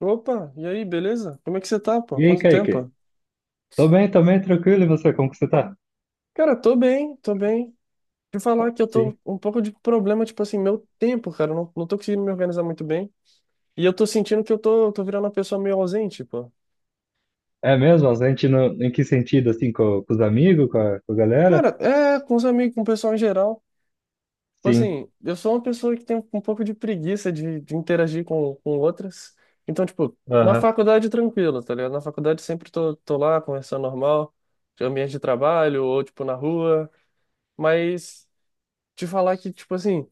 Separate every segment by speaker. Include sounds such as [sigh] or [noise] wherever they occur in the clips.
Speaker 1: Opa, e aí, beleza? Como é que você tá, pô?
Speaker 2: E aí,
Speaker 1: Quanto
Speaker 2: Kaique?
Speaker 1: tempo?
Speaker 2: Tô bem, tranquilo. E você, como que você tá?
Speaker 1: Cara, tô bem, tô bem. Te falar que eu tô
Speaker 2: Sim.
Speaker 1: um pouco de problema, tipo assim, meu tempo, cara, eu não tô conseguindo me organizar muito bem. E eu tô sentindo que eu tô virando uma pessoa meio ausente, pô.
Speaker 2: É mesmo? A gente não, em que sentido, assim, com os amigos, com a
Speaker 1: Cara,
Speaker 2: galera?
Speaker 1: é, com os amigos, com o pessoal em geral. Tipo
Speaker 2: Sim.
Speaker 1: assim, eu sou uma pessoa que tem um pouco de preguiça de interagir com outras. Então, tipo, na
Speaker 2: Aham.
Speaker 1: faculdade tranquilo, tá ligado? Na faculdade sempre tô lá conversando normal, de ambiente de trabalho, ou tipo na rua. Mas te falar que, tipo assim.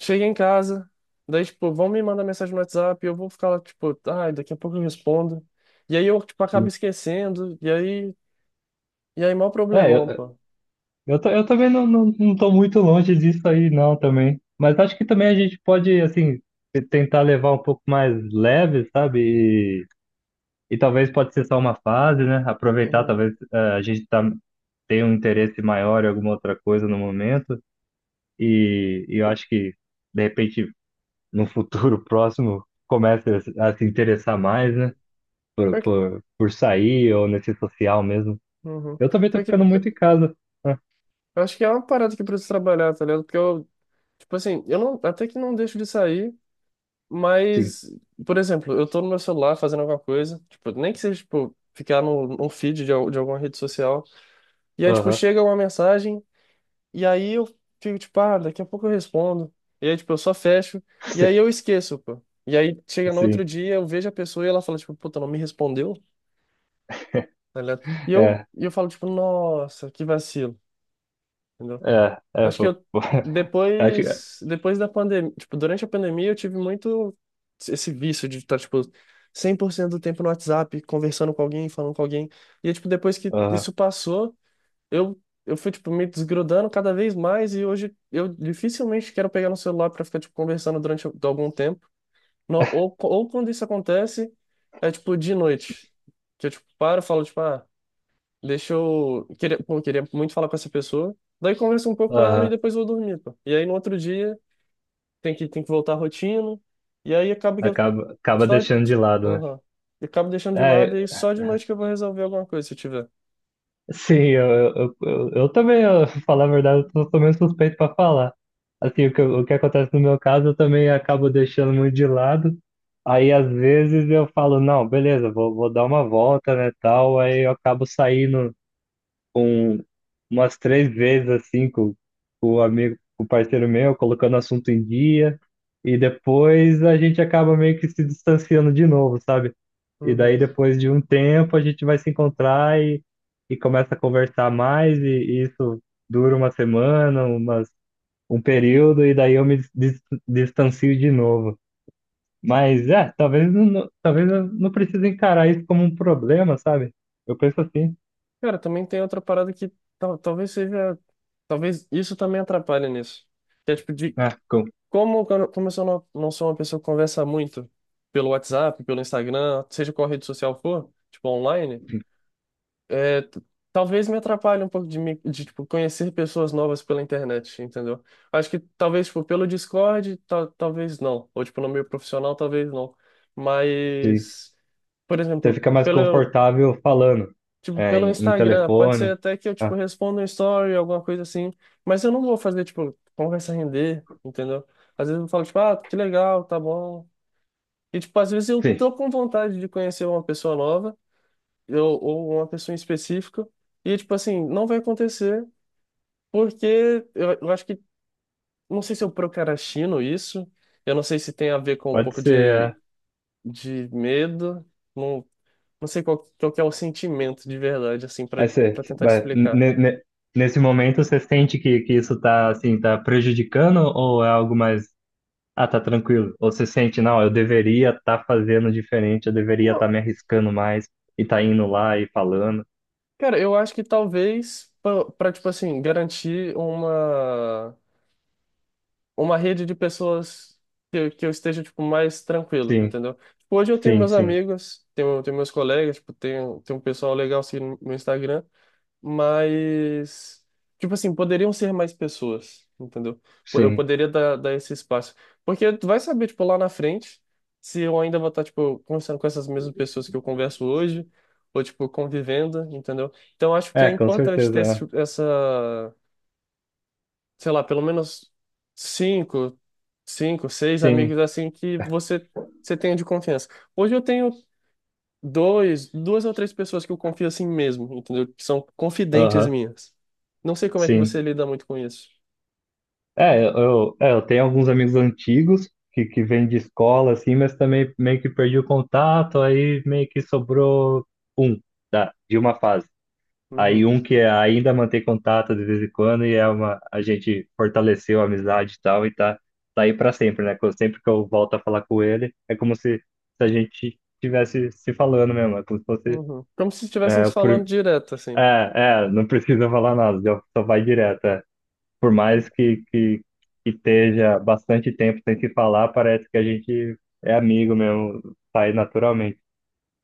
Speaker 1: Cheguei em casa, daí, tipo, vão me mandar mensagem no WhatsApp, eu vou ficar lá, tipo, ai, daqui a pouco eu respondo. E aí eu, tipo, acabo
Speaker 2: Sim.
Speaker 1: esquecendo, e aí, maior
Speaker 2: É,
Speaker 1: problemão,
Speaker 2: eu,
Speaker 1: pô.
Speaker 2: eu, tô- eu também não tô muito longe disso aí, não, também. Mas acho que também a gente pode, assim, tentar levar um pouco mais leve, sabe? E, e talvez pode ser só uma fase, né? Aproveitar,
Speaker 1: Uhum.
Speaker 2: talvez tenha um interesse maior em alguma outra coisa no momento. E eu acho que, de repente, no futuro próximo comece a se interessar mais, né?
Speaker 1: Uhum.
Speaker 2: Por,
Speaker 1: Pior que,
Speaker 2: por, por sair ou nesse social mesmo.
Speaker 1: uhum.
Speaker 2: Eu também tô
Speaker 1: Pior que,
Speaker 2: ficando muito em casa. Ah,
Speaker 1: eu acho que é uma parada que eu preciso trabalhar, tá ligado? Porque eu, tipo assim, eu não, até que não deixo de sair,
Speaker 2: sim,
Speaker 1: mas, por exemplo, eu tô no meu celular fazendo alguma coisa, tipo, nem que seja, tipo, ficar no, num feed de alguma rede social, e aí, tipo,
Speaker 2: aham.
Speaker 1: chega uma mensagem. E aí eu fico tipo, ah, daqui a pouco eu respondo. E aí, tipo, eu só fecho.
Speaker 2: [laughs]
Speaker 1: E
Speaker 2: Sim,
Speaker 1: aí eu esqueço, pô. E aí chega no outro
Speaker 2: sim,
Speaker 1: dia, eu vejo a pessoa e ela fala, tipo, puta, não me respondeu, tá ligado? E eu,
Speaker 2: é,
Speaker 1: e eu falo, tipo, nossa, que vacilo, entendeu?
Speaker 2: é,
Speaker 1: Eu
Speaker 2: é,
Speaker 1: acho que
Speaker 2: pô,
Speaker 1: eu,
Speaker 2: pô. [laughs] Acho que,
Speaker 1: depois da pandemia, tipo, durante a pandemia eu tive muito esse vício de estar, tipo, 100% do tempo no WhatsApp, conversando com alguém, falando com alguém. E, tipo, depois que
Speaker 2: aham,
Speaker 1: isso passou eu, eu fui, tipo, me desgrudando cada vez mais, e hoje eu dificilmente quero pegar no celular pra ficar, tipo, conversando durante algum tempo. Não, ou quando isso acontece, é, tipo, de noite. Que eu, tipo, paro e falo, tipo, ah, Queria, pô, queria muito falar com essa pessoa. Daí converso um pouco com ela e
Speaker 2: aham,
Speaker 1: depois vou dormir, pô. E aí, no outro dia, tem que voltar à rotina. E aí, acaba que eu
Speaker 2: acaba
Speaker 1: só.
Speaker 2: deixando de lado, né?
Speaker 1: Aham. E acabo deixando de
Speaker 2: É,
Speaker 1: lado, e só de noite que eu vou resolver alguma coisa, se tiver.
Speaker 2: sim, eu também, [laughs] pra falar a verdade, eu sou meio suspeito para falar. Assim, o que, o que acontece no meu caso, eu também acabo deixando muito de lado. Aí, às vezes, eu falo, não, beleza, vou dar uma volta, né, tal. Aí eu acabo saindo com umas três vezes assim com o amigo, com o parceiro meu, colocando assunto em dia, e depois a gente acaba meio que se distanciando de novo, sabe? E
Speaker 1: Uhum.
Speaker 2: daí depois de um tempo a gente vai se encontrar e começa a conversar mais, e isso dura uma semana, um período, e daí eu me distancio de novo. Mas é, talvez eu não precise encarar isso como um problema, sabe? Eu penso assim.
Speaker 1: Cara, também tem outra parada que talvez seja. Talvez isso também atrapalhe nisso. Que é tipo de.
Speaker 2: Ah,
Speaker 1: Como eu sou- não, não sou uma pessoa que conversa muito pelo WhatsApp, pelo Instagram, seja qual rede social for, tipo online, é, t- talvez me atrapalhe um pouco de tipo, conhecer pessoas novas pela internet, entendeu? Acho que talvez tipo, pelo Discord, talvez não. Ou tipo, no meio profissional, talvez não.
Speaker 2: sim.
Speaker 1: Mas. Por
Speaker 2: Você
Speaker 1: exemplo,
Speaker 2: fica mais
Speaker 1: pelo
Speaker 2: confortável falando,
Speaker 1: Tipo,
Speaker 2: é,
Speaker 1: pelo
Speaker 2: em
Speaker 1: Instagram, pode ser
Speaker 2: telefone.
Speaker 1: até que eu, tipo,
Speaker 2: Ah,
Speaker 1: responda um story, alguma coisa assim. Mas eu não vou fazer, tipo, conversa render, entendeu? Às vezes eu falo, tipo, ah, que legal, tá bom. E, tipo, às vezes eu
Speaker 2: sim,
Speaker 1: tô com vontade de conhecer uma pessoa nova, ou uma pessoa em específico, e, tipo, assim, não vai acontecer, porque eu acho que, não sei se eu procrastino isso, eu não sei se tem a ver com um
Speaker 2: pode
Speaker 1: pouco de,
Speaker 2: ser.
Speaker 1: de medo, não, não sei qual que é o sentimento de verdade, assim,
Speaker 2: É, é,
Speaker 1: para tentar te
Speaker 2: mas
Speaker 1: explicar.
Speaker 2: nesse momento, você sente que isso tá, assim, tá prejudicando ou é algo mais. Ah, tá tranquilo. Ou você sente, não, eu deveria estar fazendo diferente, eu deveria estar
Speaker 1: Não,
Speaker 2: me arriscando mais e tá indo lá e falando.
Speaker 1: cara, eu acho que talvez para, tipo assim, garantir uma rede de pessoas que eu esteja tipo mais tranquilo,
Speaker 2: Sim,
Speaker 1: entendeu? Tipo, hoje eu tenho
Speaker 2: sim,
Speaker 1: meus
Speaker 2: sim,
Speaker 1: amigos, tenho meus colegas, tipo, tenho um pessoal legal assim no Instagram, mas tipo assim, poderiam ser mais pessoas, entendeu? Eu
Speaker 2: sim.
Speaker 1: poderia dar esse espaço. Porque tu vai saber, tipo, lá na frente, se eu ainda vou estar, tipo, conversando com essas mesmas pessoas que eu converso hoje, ou, tipo, convivendo, entendeu? Então, acho que é
Speaker 2: É, com
Speaker 1: importante
Speaker 2: certeza.
Speaker 1: ter esse-
Speaker 2: É.
Speaker 1: essa, sei lá, pelo menos cinco, cinco, seis amigos
Speaker 2: Sim,
Speaker 1: assim que você tenha de confiança. Hoje eu tenho duas ou três pessoas que eu confio assim mesmo, entendeu? Que são confidentes
Speaker 2: aham,
Speaker 1: minhas. Não sei como é que você
Speaker 2: sim.
Speaker 1: lida muito com isso.
Speaker 2: É, eu tenho alguns amigos antigos que vêm de escola, assim, mas também meio que perdi o contato, aí meio que sobrou um de uma fase. Aí
Speaker 1: Uhum,
Speaker 2: um que é, ainda mantém contato de vez em quando e a gente fortaleceu a amizade e tal, e tá aí pra sempre, né? Sempre que eu volto a falar com ele, é como se, a gente estivesse se falando mesmo, é como se fosse.
Speaker 1: uhum. Como se estivessem
Speaker 2: É,
Speaker 1: te falando direto, assim.
Speaker 2: é, não precisa falar nada, já só vai direto. É, por mais que esteja bastante tempo sem se falar, parece que a gente é amigo mesmo, sai naturalmente.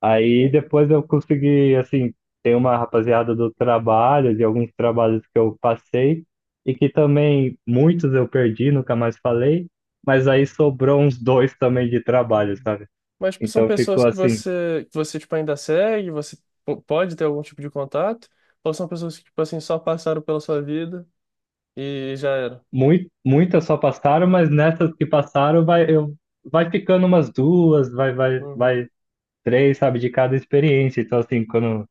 Speaker 2: Aí depois eu consegui, assim, tem uma rapaziada do trabalho, de alguns trabalhos que eu passei, e que também muitos eu perdi, nunca mais falei, mas aí sobrou uns dois também de trabalho,
Speaker 1: Uhum.
Speaker 2: sabe?
Speaker 1: Mas tipo, são
Speaker 2: Então ficou
Speaker 1: pessoas que
Speaker 2: assim,
Speaker 1: que você tipo, ainda segue, você pode ter algum tipo de contato, ou são pessoas que tipo, assim, só passaram pela sua vida e já era.
Speaker 2: muitas só passaram, mas nessas que passaram vai ficando umas duas, vai, vai,
Speaker 1: Uhum.
Speaker 2: vai três, sabe, de cada experiência. Então, assim, quando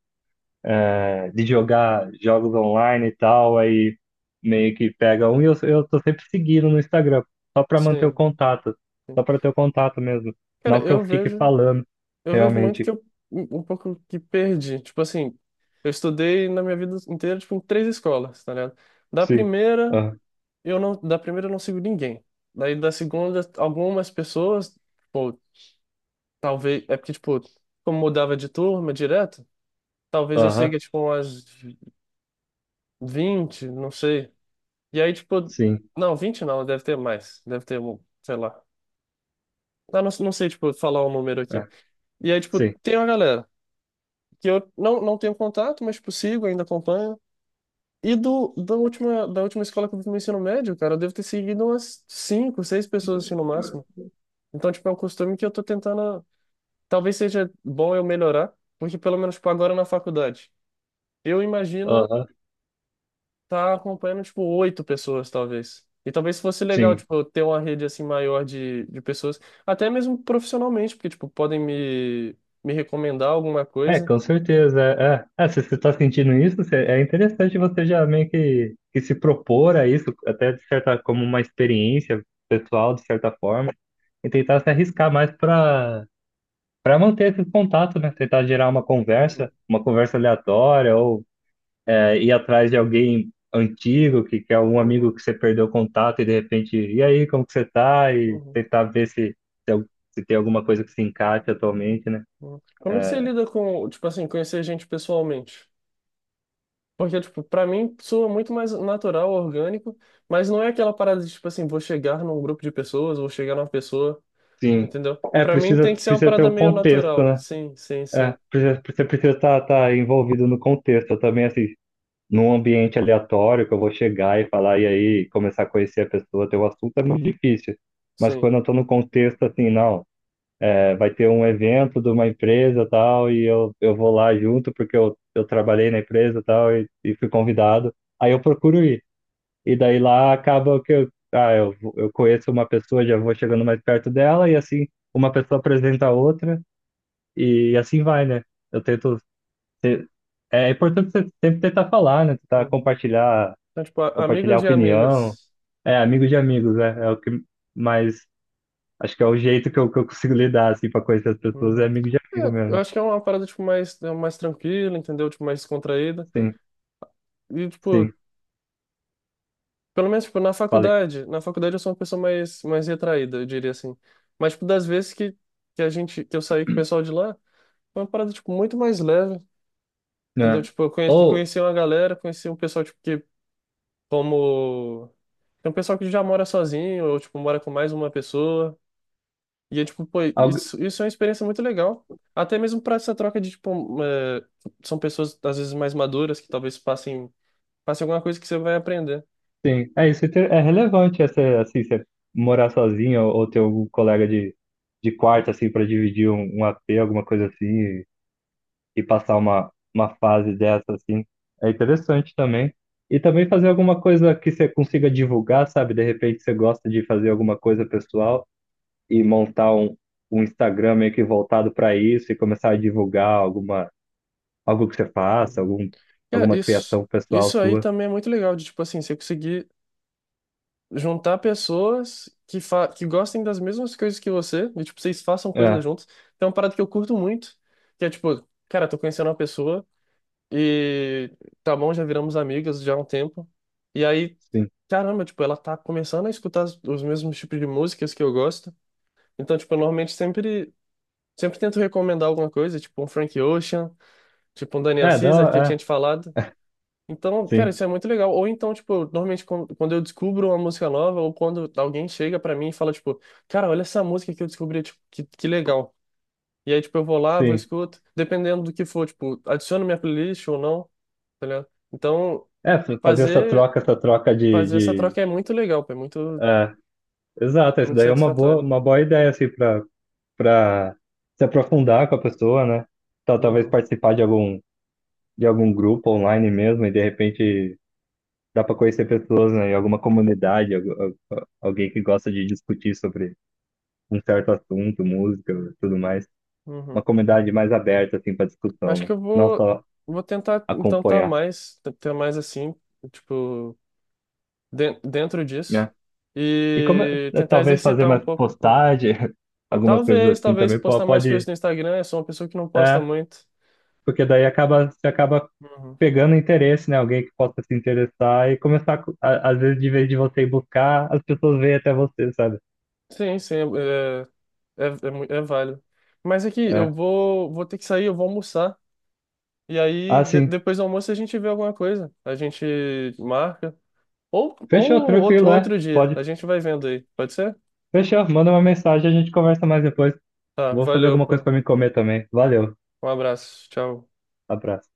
Speaker 2: de jogar jogos online e tal, aí meio que pega um e eu tô sempre seguindo no Instagram, só pra manter o
Speaker 1: Sim.
Speaker 2: contato, só
Speaker 1: Sim.
Speaker 2: pra ter o contato mesmo.
Speaker 1: Cara,
Speaker 2: Não que eu
Speaker 1: eu
Speaker 2: fique
Speaker 1: vejo.
Speaker 2: falando,
Speaker 1: Eu vejo muito que
Speaker 2: realmente.
Speaker 1: eu um pouco que perdi. Tipo assim, eu estudei na minha vida inteira, tipo, em três escolas, tá ligado? Da
Speaker 2: Sim.
Speaker 1: primeira,
Speaker 2: Aham,
Speaker 1: da primeira, eu não sigo ninguém. Daí da segunda, algumas pessoas, tipo, talvez, é porque, tipo, como mudava de turma direto, talvez eu
Speaker 2: aham,
Speaker 1: siga, tipo, umas 20 não sei. E aí, tipo,
Speaker 2: sim.
Speaker 1: não, 20 não, deve ter mais. Deve ter, um, sei lá. Ah, não sei, tipo, falar o número aqui.
Speaker 2: É,
Speaker 1: E aí, tipo,
Speaker 2: sim.
Speaker 1: tem uma galera que eu não tenho contato, mas tipo, sigo, ainda acompanho. E da última escola que eu fiz no ensino médio, cara, eu devo ter seguido umas cinco, seis pessoas assim no máximo. Então, tipo, é um costume que eu tô tentando. Talvez seja bom eu melhorar, porque pelo menos, tipo, agora na faculdade, eu imagino
Speaker 2: Aham,
Speaker 1: tá acompanhando, tipo, oito pessoas, talvez. E talvez fosse legal,
Speaker 2: sim.
Speaker 1: tipo, eu ter uma rede assim maior de pessoas, até mesmo profissionalmente, porque, tipo, podem me recomendar alguma
Speaker 2: É,
Speaker 1: coisa.
Speaker 2: com certeza. É, é. É, se você está sentindo isso, é interessante você já meio que se propor a isso, até como uma experiência pessoal, de certa forma. E tentar se arriscar mais para manter esse contato, né? Tentar gerar
Speaker 1: Uhum,
Speaker 2: uma conversa aleatória, ou ir atrás de alguém antigo, que é algum amigo
Speaker 1: uhum,
Speaker 2: que você perdeu o contato e de repente, e aí, como que você tá? E
Speaker 1: uhum.
Speaker 2: tentar ver se, al- se tem alguma coisa que se encaixe atualmente, né?
Speaker 1: Hum. Como é que você lida com, tipo assim, conhecer gente pessoalmente? Porque, tipo, pra mim soa muito mais natural, orgânico, mas não é aquela parada de, tipo assim, vou chegar num grupo de pessoas, vou chegar numa pessoa,
Speaker 2: Sim.
Speaker 1: entendeu?
Speaker 2: É,
Speaker 1: Pra mim tem
Speaker 2: precisa,
Speaker 1: que ser uma
Speaker 2: precisa ter
Speaker 1: parada
Speaker 2: o
Speaker 1: meio
Speaker 2: contexto,
Speaker 1: natural.
Speaker 2: né?
Speaker 1: Sim, sim,
Speaker 2: É,
Speaker 1: sim,
Speaker 2: você precisa tá envolvido no contexto. Eu também, assim, num ambiente aleatório que eu vou chegar e falar e aí começar a conhecer a pessoa, ter o assunto é muito difícil. Mas
Speaker 1: sim.
Speaker 2: quando eu estou no contexto assim, não, é, vai ter um evento de uma empresa tal e eu vou lá junto porque eu trabalhei na empresa tal e fui convidado, aí eu procuro ir. E daí lá acaba que eu conheço uma pessoa, já vou chegando mais perto dela e assim uma pessoa apresenta a outra e assim vai, né? Eu tento ser- é importante você sempre tentar falar, né? Tentar
Speaker 1: Uhum.
Speaker 2: compartilhar
Speaker 1: Então, tipo,
Speaker 2: compartilhar
Speaker 1: amigos de
Speaker 2: opinião.
Speaker 1: amigas.
Speaker 2: É, amigo de amigos, né? É o que mais. Acho que é o jeito que eu consigo lidar, assim, pra conhecer as pessoas, é
Speaker 1: Uhum.
Speaker 2: amigo de
Speaker 1: É,
Speaker 2: amigo
Speaker 1: eu
Speaker 2: mesmo.
Speaker 1: acho que é uma parada, tipo, mais tranquila, entendeu? Tipo, mais descontraída.
Speaker 2: Sim,
Speaker 1: E, tipo,
Speaker 2: sim,
Speaker 1: pelo menos, tipo, na
Speaker 2: falei.
Speaker 1: faculdade. Na faculdade eu sou uma pessoa mais retraída, eu diria assim. Mas, tipo, das vezes que eu saí com o pessoal de lá, foi uma parada, tipo, muito mais leve, entendeu?
Speaker 2: É.
Speaker 1: Tipo, eu conheci,
Speaker 2: Ou,
Speaker 1: conheci uma galera, conheci um pessoal, tipo, que, como. Tem um pessoal que já mora sozinho, ou, tipo, mora com mais uma pessoa. E, é, tipo, pô,
Speaker 2: algo,
Speaker 1: isso é uma experiência muito legal. Até mesmo pra essa troca de, tipo, um, é, são pessoas, às vezes, mais maduras, que talvez passem alguma coisa que você vai aprender.
Speaker 2: sim, é isso, é é relevante essa, assim, você morar sozinho ou ter algum colega de quarto, assim, pra dividir um AP, alguma coisa assim, e passar uma fase dessa, assim. É interessante também. E também fazer alguma coisa que você consiga divulgar, sabe? De repente você gosta de fazer alguma coisa pessoal e montar um Instagram meio que voltado para isso e começar a divulgar algo que você faça,
Speaker 1: Uhum. É,
Speaker 2: alguma
Speaker 1: isso,
Speaker 2: criação pessoal
Speaker 1: isso aí
Speaker 2: sua.
Speaker 1: também é muito legal, de tipo assim, você conseguir juntar pessoas que gostem das mesmas coisas que você, e tipo, vocês façam coisas
Speaker 2: É,
Speaker 1: juntos. Tem uma parada que eu curto muito, que é tipo, cara, tô conhecendo uma pessoa, e tá bom, já viramos amigas já há um tempo. E aí,
Speaker 2: sim.
Speaker 1: caramba, tipo, ela tá começando a escutar os mesmos tipos de músicas que eu gosto. Então, tipo, eu normalmente sempre tento recomendar alguma coisa, tipo um Frank Ocean, tipo um Daniel
Speaker 2: É,
Speaker 1: Caesar, que eu
Speaker 2: dá,
Speaker 1: tinha
Speaker 2: é,
Speaker 1: te falado. Então, cara,
Speaker 2: sim,
Speaker 1: isso é muito legal. Ou então, tipo, normalmente quando eu descubro uma música nova, ou quando alguém chega pra mim e fala, tipo, cara, olha essa música que eu descobri, tipo, que legal. E aí, tipo, eu vou lá, vou
Speaker 2: sim.
Speaker 1: escuto, dependendo do que for, tipo, adiciono minha playlist ou não, tá ligado? Então,
Speaker 2: É, fazer
Speaker 1: fazer,
Speaker 2: essa troca
Speaker 1: fazer essa troca é muito legal, pô, é muito,
Speaker 2: é, exato, isso
Speaker 1: muito
Speaker 2: daí é uma boa,
Speaker 1: satisfatório.
Speaker 2: uma boa ideia, assim, para se aprofundar com a pessoa, né? Talvez
Speaker 1: Uhum,
Speaker 2: participar de algum grupo online mesmo e de repente dá para conhecer pessoas, né, em alguma comunidade, alguém que gosta de discutir sobre um certo assunto, música, tudo mais. Uma
Speaker 1: uhum.
Speaker 2: comunidade mais aberta, assim, para discussão,
Speaker 1: Acho
Speaker 2: né?
Speaker 1: que eu
Speaker 2: Não
Speaker 1: vou,
Speaker 2: só
Speaker 1: vou tentar, então, tá
Speaker 2: acompanhar,
Speaker 1: mais, ter mais assim, tipo, dentro disso,
Speaker 2: né? E como
Speaker 1: e tentar
Speaker 2: talvez fazer
Speaker 1: exercitar um
Speaker 2: mais
Speaker 1: pouco.
Speaker 2: postagem, [laughs] algumas coisas
Speaker 1: Talvez,
Speaker 2: assim
Speaker 1: talvez
Speaker 2: também po-
Speaker 1: postar mais coisas
Speaker 2: pode,
Speaker 1: no Instagram. Eu sou uma pessoa que não posta
Speaker 2: é,
Speaker 1: muito.
Speaker 2: porque daí você acaba
Speaker 1: Uhum.
Speaker 2: pegando interesse, né? Alguém que possa se interessar e começar, às vezes, de vez de você ir buscar, as pessoas vêm até você, sabe?
Speaker 1: Sim, sim, é, é válido. Mas aqui, eu
Speaker 2: É.
Speaker 1: vou ter que sair, eu vou almoçar. E aí,
Speaker 2: Ah,
Speaker 1: de-
Speaker 2: sim.
Speaker 1: depois do almoço, a gente vê alguma coisa. A gente marca. Ou
Speaker 2: Fechou,
Speaker 1: outro,
Speaker 2: tranquilo, é.
Speaker 1: outro dia.
Speaker 2: Pode.
Speaker 1: A gente vai vendo aí. Pode ser?
Speaker 2: Fechou, manda uma mensagem, a gente conversa mais depois.
Speaker 1: Tá,
Speaker 2: Vou fazer
Speaker 1: valeu,
Speaker 2: alguma coisa
Speaker 1: pô.
Speaker 2: para me comer também. Valeu,
Speaker 1: Um abraço. Tchau.
Speaker 2: abraço.